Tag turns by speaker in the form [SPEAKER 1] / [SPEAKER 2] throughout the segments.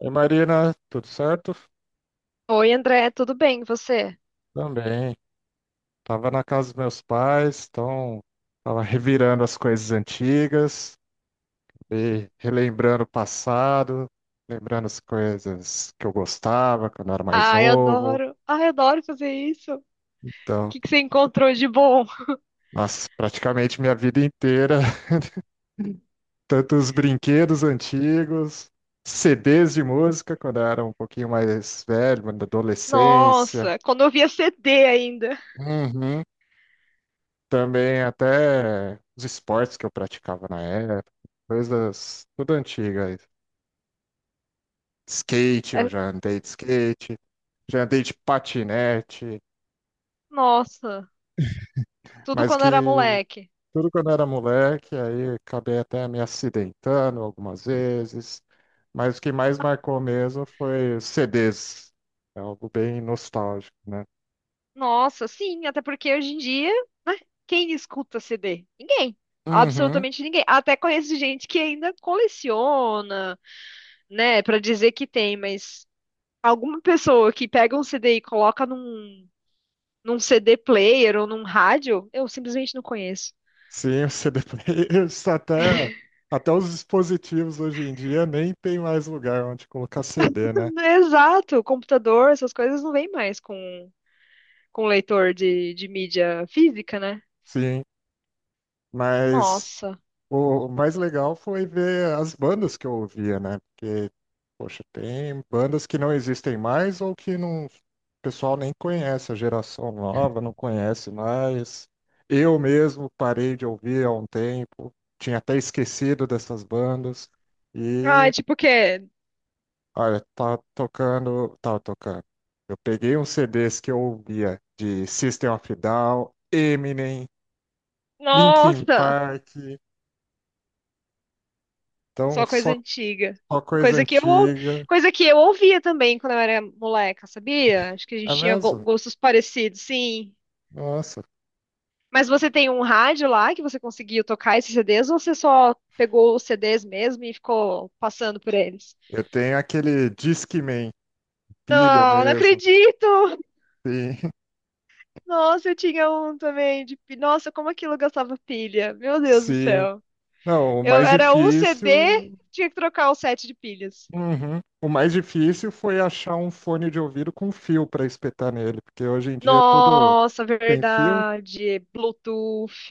[SPEAKER 1] Oi, Marina, tudo certo?
[SPEAKER 2] Oi, André, tudo bem? E você?
[SPEAKER 1] Também. Tava na casa dos meus pais, então tava revirando as coisas antigas, e relembrando o passado, lembrando as coisas que eu gostava quando eu era mais
[SPEAKER 2] Ai,
[SPEAKER 1] novo.
[SPEAKER 2] adoro. Ai, adoro fazer isso. O
[SPEAKER 1] Então,
[SPEAKER 2] que que você encontrou de bom?
[SPEAKER 1] nossa, praticamente minha vida inteira, tanto os brinquedos antigos, CDs de música quando eu era um pouquinho mais velho, na adolescência.
[SPEAKER 2] Nossa, quando eu via CD ainda.
[SPEAKER 1] Uhum. Também até os esportes que eu praticava na época, coisas tudo antigas. Skate,
[SPEAKER 2] É,
[SPEAKER 1] eu já andei de skate, já andei de patinete,
[SPEAKER 2] nossa, tudo
[SPEAKER 1] mas
[SPEAKER 2] quando era
[SPEAKER 1] que
[SPEAKER 2] moleque.
[SPEAKER 1] tudo quando eu era moleque, aí acabei até me acidentando algumas vezes. Mas o que mais marcou mesmo foi os CDs. É algo bem nostálgico, né?
[SPEAKER 2] Nossa, sim, até porque hoje em dia, quem escuta CD? Ninguém.
[SPEAKER 1] Uhum.
[SPEAKER 2] Absolutamente ninguém. Até conheço gente que ainda coleciona, né, pra dizer que tem, mas alguma pessoa que pega um CD e coloca num CD player ou num rádio, eu simplesmente não conheço.
[SPEAKER 1] Sim, o CD players, até os dispositivos hoje em dia nem tem mais lugar onde colocar CD, né?
[SPEAKER 2] Exato, computador, essas coisas não vêm mais com leitor de mídia física, né?
[SPEAKER 1] Sim, mas
[SPEAKER 2] Nossa.
[SPEAKER 1] o mais legal foi ver as bandas que eu ouvia, né? Porque, poxa, tem bandas que não existem mais ou que não, o pessoal nem conhece, a geração nova não conhece mais. Eu mesmo parei de ouvir há um tempo, tinha até esquecido dessas bandas.
[SPEAKER 2] Ai,
[SPEAKER 1] E
[SPEAKER 2] tipo o quê?
[SPEAKER 1] Olha, tava tocando. Eu peguei uns CDs que eu ouvia de System of a Down, Eminem, Linkin
[SPEAKER 2] Nossa!
[SPEAKER 1] Park, então
[SPEAKER 2] Só coisa
[SPEAKER 1] só,
[SPEAKER 2] antiga.
[SPEAKER 1] só coisa
[SPEAKER 2] Coisa que eu, ou-
[SPEAKER 1] antiga.
[SPEAKER 2] Coisa que eu ouvia também quando eu era moleca, sabia? Acho que a
[SPEAKER 1] É
[SPEAKER 2] gente tinha
[SPEAKER 1] mesmo?
[SPEAKER 2] gostos parecidos, sim.
[SPEAKER 1] Nossa,
[SPEAKER 2] Mas você tem um rádio lá que você conseguiu tocar esses CDs ou você só pegou os CDs mesmo e ficou passando por eles?
[SPEAKER 1] eu tenho aquele Discman, pilha
[SPEAKER 2] Não, não
[SPEAKER 1] mesmo.
[SPEAKER 2] acredito!
[SPEAKER 1] Sim,
[SPEAKER 2] Nossa, eu tinha um também. Nossa, como aquilo gastava pilha. Meu Deus do
[SPEAKER 1] sim.
[SPEAKER 2] céu.
[SPEAKER 1] Não, o
[SPEAKER 2] Eu
[SPEAKER 1] mais
[SPEAKER 2] era um CD,
[SPEAKER 1] difícil.
[SPEAKER 2] tinha que trocar o set de pilhas.
[SPEAKER 1] Uhum. O mais difícil foi achar um fone de ouvido com fio para espetar nele, porque hoje em dia é tudo
[SPEAKER 2] Nossa,
[SPEAKER 1] tem fio.
[SPEAKER 2] verdade. Bluetooth,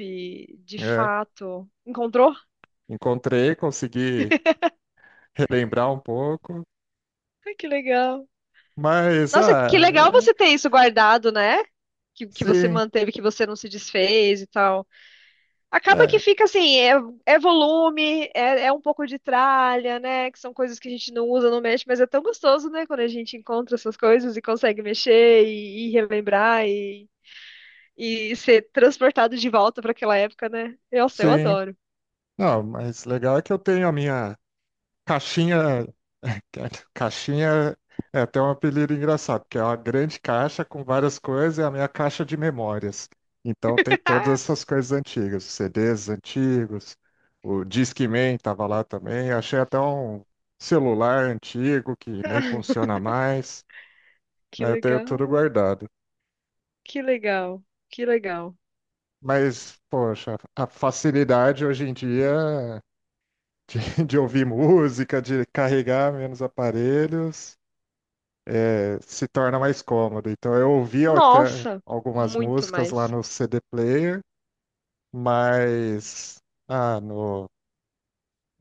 [SPEAKER 2] de
[SPEAKER 1] É.
[SPEAKER 2] fato. Encontrou?
[SPEAKER 1] Encontrei, consegui relembrar um pouco.
[SPEAKER 2] Ai, que legal.
[SPEAKER 1] Mas,
[SPEAKER 2] Nossa, que
[SPEAKER 1] ah,
[SPEAKER 2] legal
[SPEAKER 1] é,
[SPEAKER 2] você ter isso guardado, né? Que você
[SPEAKER 1] sim,
[SPEAKER 2] manteve, que você não se desfez e tal. Acaba
[SPEAKER 1] é,
[SPEAKER 2] que fica assim, é volume, é um pouco de tralha, né? Que são coisas que a gente não usa, não mexe, mas é tão gostoso, né? Quando a gente encontra essas coisas e consegue mexer e relembrar e ser transportado de volta para aquela época, né? Nossa, eu
[SPEAKER 1] sim.
[SPEAKER 2] adoro.
[SPEAKER 1] Não, mas legal é que eu tenho a minha caixinha. Caixinha é até um apelido engraçado, porque é uma grande caixa com várias coisas, é a minha caixa de memórias. Então tem todas essas coisas antigas, os CDs antigos, o Discman estava lá também. Achei até um celular antigo que nem funciona mais,
[SPEAKER 2] Que
[SPEAKER 1] mas eu tenho tudo
[SPEAKER 2] legal,
[SPEAKER 1] guardado.
[SPEAKER 2] que legal, que legal.
[SPEAKER 1] Mas, poxa, a facilidade hoje em dia de ouvir música, de carregar menos aparelhos, se torna mais cômodo. Então, eu ouvia até
[SPEAKER 2] Nossa,
[SPEAKER 1] algumas
[SPEAKER 2] muito
[SPEAKER 1] músicas lá
[SPEAKER 2] mais.
[SPEAKER 1] no CD Player, mas ah, no-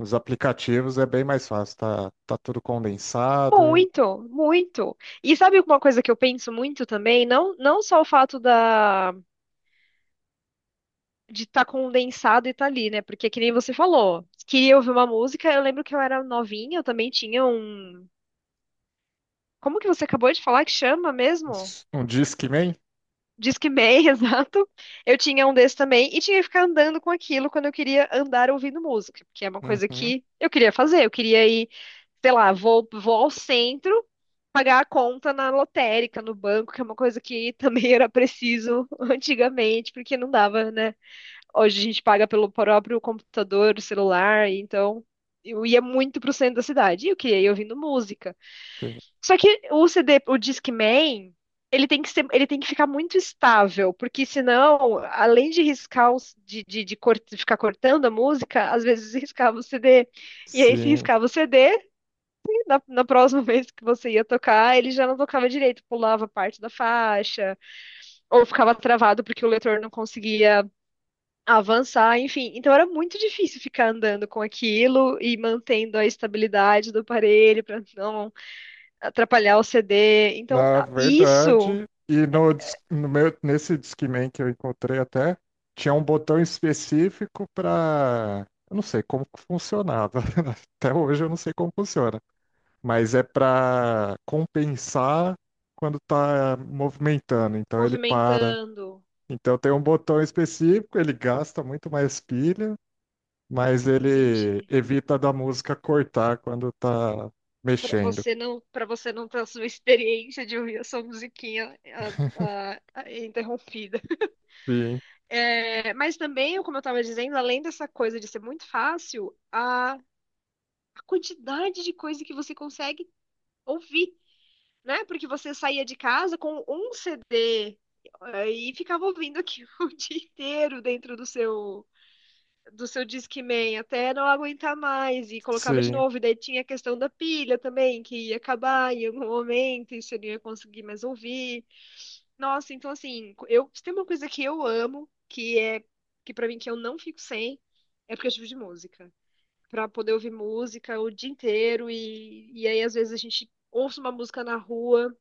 [SPEAKER 1] nos aplicativos é bem mais fácil, tá tudo condensado.
[SPEAKER 2] Muito, muito. E sabe uma coisa que eu penso muito também? Não, não só o fato da de estar condensado e tá ali, né? Porque que nem você falou, queria ouvir uma música, eu lembro que eu era novinha, eu também tinha um. Como que você acabou de falar que chama mesmo?
[SPEAKER 1] Um Discman?
[SPEAKER 2] Discman, exato. Eu tinha um desse também e tinha que ficar andando com aquilo quando eu queria andar ouvindo música, porque é uma coisa
[SPEAKER 1] Uhum,
[SPEAKER 2] que eu queria fazer. Eu queria ir, sei lá, vou ao centro pagar a conta na lotérica, no banco, que é uma coisa que também era preciso antigamente, porque não dava, né? Hoje a gente paga pelo próprio computador, celular, então eu ia muito pro centro da cidade. E o que? Eu ia ouvindo música.
[SPEAKER 1] tem-
[SPEAKER 2] Só que o CD, o Discman, ele tem que ficar muito estável, porque senão, além de riscar, ficar cortando a música, às vezes riscava o CD. E aí, se
[SPEAKER 1] sim.
[SPEAKER 2] riscava o CD, na próxima vez que você ia tocar, ele já não tocava direito, pulava parte da faixa, ou ficava travado porque o leitor não conseguia avançar, enfim. Então era muito difícil ficar andando com aquilo e mantendo a estabilidade do aparelho para não atrapalhar o CD. Então,
[SPEAKER 1] Na
[SPEAKER 2] isso
[SPEAKER 1] verdade, e no, dis- no meu, nesse Discman que eu encontrei até, tinha um botão específico para. Eu não sei como que funcionava. Até hoje eu não sei como funciona. Mas é para compensar quando tá movimentando. Então ele para.
[SPEAKER 2] movimentando,
[SPEAKER 1] Então tem um botão específico, ele gasta muito mais pilha, mas ele
[SPEAKER 2] entendi.
[SPEAKER 1] evita da música cortar quando tá
[SPEAKER 2] Para
[SPEAKER 1] mexendo.
[SPEAKER 2] você não, para você não ter a sua experiência de ouvir a sua musiquinha interrompida.
[SPEAKER 1] Sim,
[SPEAKER 2] É, mas também, como eu estava dizendo, além dessa coisa de ser muito fácil, a quantidade de coisa que você consegue ouvir. Né? Porque você saía de casa com um CD, e ficava ouvindo aquilo o dia inteiro dentro do seu Discman até não aguentar mais e colocava de
[SPEAKER 1] sim.
[SPEAKER 2] novo. E daí tinha a questão da pilha também, que ia acabar em algum momento e você não ia conseguir mais ouvir. Nossa, então assim, eu se tem uma coisa que eu amo, que é que para mim que eu não fico sem, é aplicativo de música. Pra poder ouvir música o dia inteiro e aí às vezes a gente ouça uma música na rua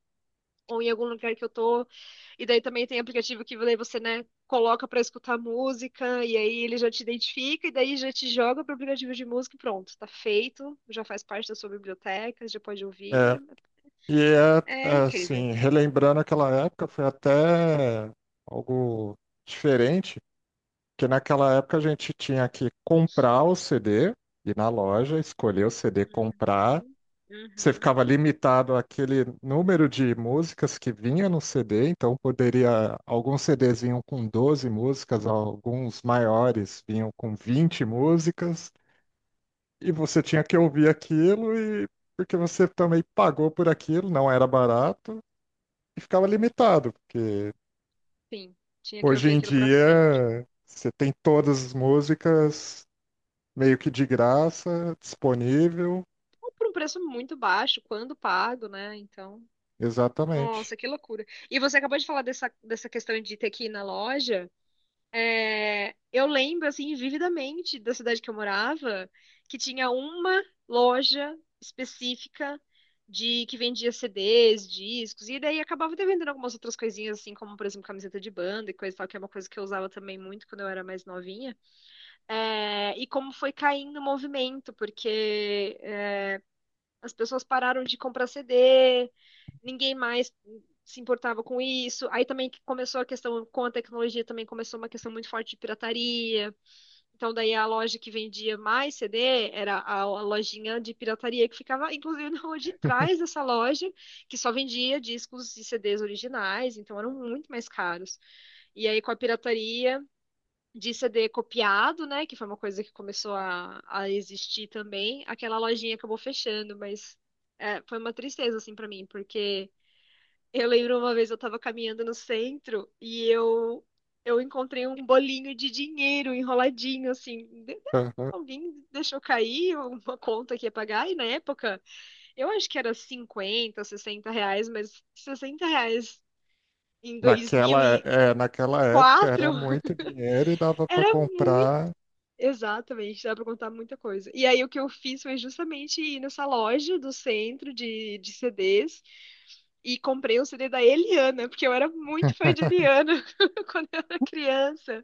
[SPEAKER 2] ou em algum lugar que eu tô. E daí também tem aplicativo que daí você, né, coloca pra escutar música e aí ele já te identifica e daí já te joga pro aplicativo de música e pronto, tá feito, já faz parte da sua biblioteca, já pode ouvir.
[SPEAKER 1] É, E é,
[SPEAKER 2] É, é
[SPEAKER 1] é,
[SPEAKER 2] incrível.
[SPEAKER 1] assim, relembrando aquela época, foi até algo diferente, porque naquela época a gente tinha que comprar o CD, ir na loja, escolher o CD, comprar.
[SPEAKER 2] Uhum.
[SPEAKER 1] Você
[SPEAKER 2] Uhum.
[SPEAKER 1] ficava limitado àquele número de músicas que vinha no CD, então poderia, alguns CDs vinham com 12 músicas, alguns maiores vinham com 20 músicas, e você tinha que ouvir aquilo e porque você também pagou por aquilo, não era barato e ficava limitado, porque
[SPEAKER 2] Sim, tinha que
[SPEAKER 1] hoje
[SPEAKER 2] ouvir
[SPEAKER 1] em
[SPEAKER 2] aquilo pra sempre.
[SPEAKER 1] dia você tem todas as músicas meio que de graça, disponível,
[SPEAKER 2] Ou por um preço muito baixo, quando pago, né? Então,
[SPEAKER 1] exatamente.
[SPEAKER 2] nossa, que loucura. E você acabou de falar dessa questão de ter que ir na loja. É, eu lembro, assim, vividamente da cidade que eu morava, que tinha uma loja específica de que vendia CDs, discos, e daí acabava até vendendo algumas outras coisinhas, assim, como, por exemplo, camiseta de banda e coisa e tal, que é uma coisa que eu usava também muito quando eu era mais novinha. É, e como foi caindo o movimento, porque é, as pessoas pararam de comprar CD, ninguém mais se importava com isso. Aí também que começou a questão, com a tecnologia também começou uma questão muito forte de pirataria. Então, daí a loja que vendia mais CD era a lojinha de pirataria que ficava, inclusive, na rua de trás dessa loja, que só vendia discos e CDs originais, então eram muito mais caros. E aí, com a pirataria de CD copiado, né, que foi uma coisa que começou a existir também, aquela lojinha acabou fechando, mas é, foi uma tristeza, assim, para mim, porque eu lembro uma vez eu tava caminhando no centro e eu encontrei um bolinho de dinheiro enroladinho assim.
[SPEAKER 1] Aham.
[SPEAKER 2] Alguém deixou cair uma conta que ia pagar e na época eu acho que era 50, R$ 60, mas R$ 60 em dois
[SPEAKER 1] Naquela,
[SPEAKER 2] mil e
[SPEAKER 1] é, naquela época era
[SPEAKER 2] quatro
[SPEAKER 1] muito dinheiro e dava para
[SPEAKER 2] era muito.
[SPEAKER 1] comprar.
[SPEAKER 2] Exatamente, dá pra contar muita coisa. E aí o que eu fiz foi justamente ir nessa loja do centro de CDs e comprei o CD da Eliana, porque eu era muito fã de Eliana quando eu era criança.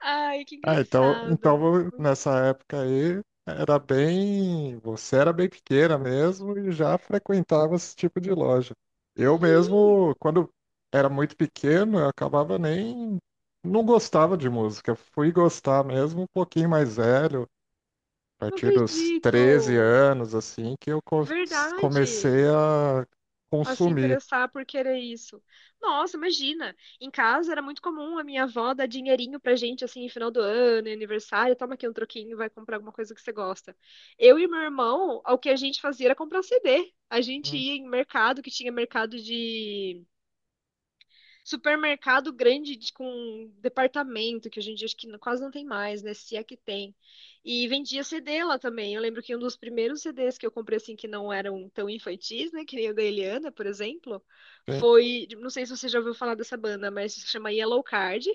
[SPEAKER 2] Ai, que
[SPEAKER 1] Ah,
[SPEAKER 2] engraçado.
[SPEAKER 1] nessa época aí era bem, você era bem pequena mesmo e já frequentava esse tipo de loja. Eu
[SPEAKER 2] Sim,
[SPEAKER 1] mesmo, quando era muito pequeno, eu acabava nem, não gostava de música. Fui gostar mesmo um pouquinho mais velho, a
[SPEAKER 2] não
[SPEAKER 1] partir dos 13
[SPEAKER 2] acredito.
[SPEAKER 1] anos, assim, comecei
[SPEAKER 2] Verdade.
[SPEAKER 1] a
[SPEAKER 2] A se
[SPEAKER 1] consumir.
[SPEAKER 2] interessar por querer isso. Nossa, imagina. Em casa era muito comum a minha avó dar dinheirinho pra gente, assim, em final do ano, em aniversário. Toma aqui um troquinho, vai comprar alguma coisa que você gosta. Eu e meu irmão, o que a gente fazia era comprar CD. A gente
[SPEAKER 1] Hum.
[SPEAKER 2] ia em mercado, que tinha mercado de supermercado grande com departamento, que hoje em dia acho que quase não tem mais, né? Se é que tem. E vendia CD lá também. Eu lembro que um dos primeiros CDs que eu comprei, assim, que não eram tão infantis, né? Que nem o da Eliana, por exemplo,
[SPEAKER 1] Sim.
[SPEAKER 2] foi. Não sei se você já ouviu falar dessa banda, mas se chama Yellow Card.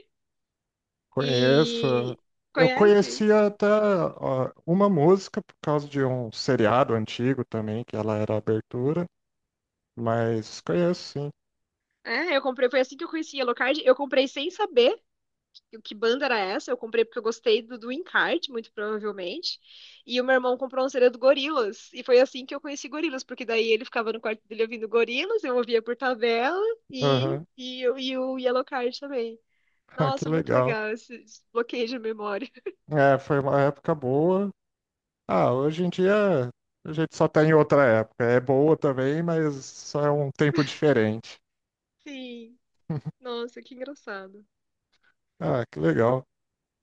[SPEAKER 1] Conheço.
[SPEAKER 2] E.
[SPEAKER 1] Eu
[SPEAKER 2] Conhece?
[SPEAKER 1] conhecia até ó, uma música por causa de um seriado antigo também, que ela era a abertura, mas conheço sim.
[SPEAKER 2] É, eu comprei, foi assim que eu conheci Yellow Card. Eu comprei sem saber, que banda era essa? Eu comprei porque eu gostei do encarte, muito provavelmente. E o meu irmão comprou um CD do Gorilas. E foi assim que eu conheci Gorilas, porque daí ele ficava no quarto dele ouvindo Gorilas, eu ouvia por tabela e,
[SPEAKER 1] Aham.
[SPEAKER 2] e, eu- e o Yellowcard também.
[SPEAKER 1] Ah, que
[SPEAKER 2] Nossa, muito
[SPEAKER 1] legal.
[SPEAKER 2] legal esse bloqueio de memória.
[SPEAKER 1] É, foi uma época boa. Ah, hoje em dia a gente só tá em outra época. É boa também, mas só é um tempo diferente.
[SPEAKER 2] Sim, nossa, que engraçado.
[SPEAKER 1] Ah, que legal.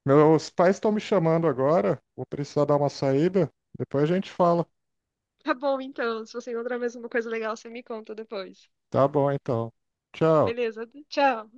[SPEAKER 1] Meus pais estão me chamando agora. Vou precisar dar uma saída. Depois a gente fala.
[SPEAKER 2] Tá bom, então. Se você encontrar mais uma coisa legal, você me conta depois.
[SPEAKER 1] Tá bom, então. Tchau.
[SPEAKER 2] Beleza, tchau.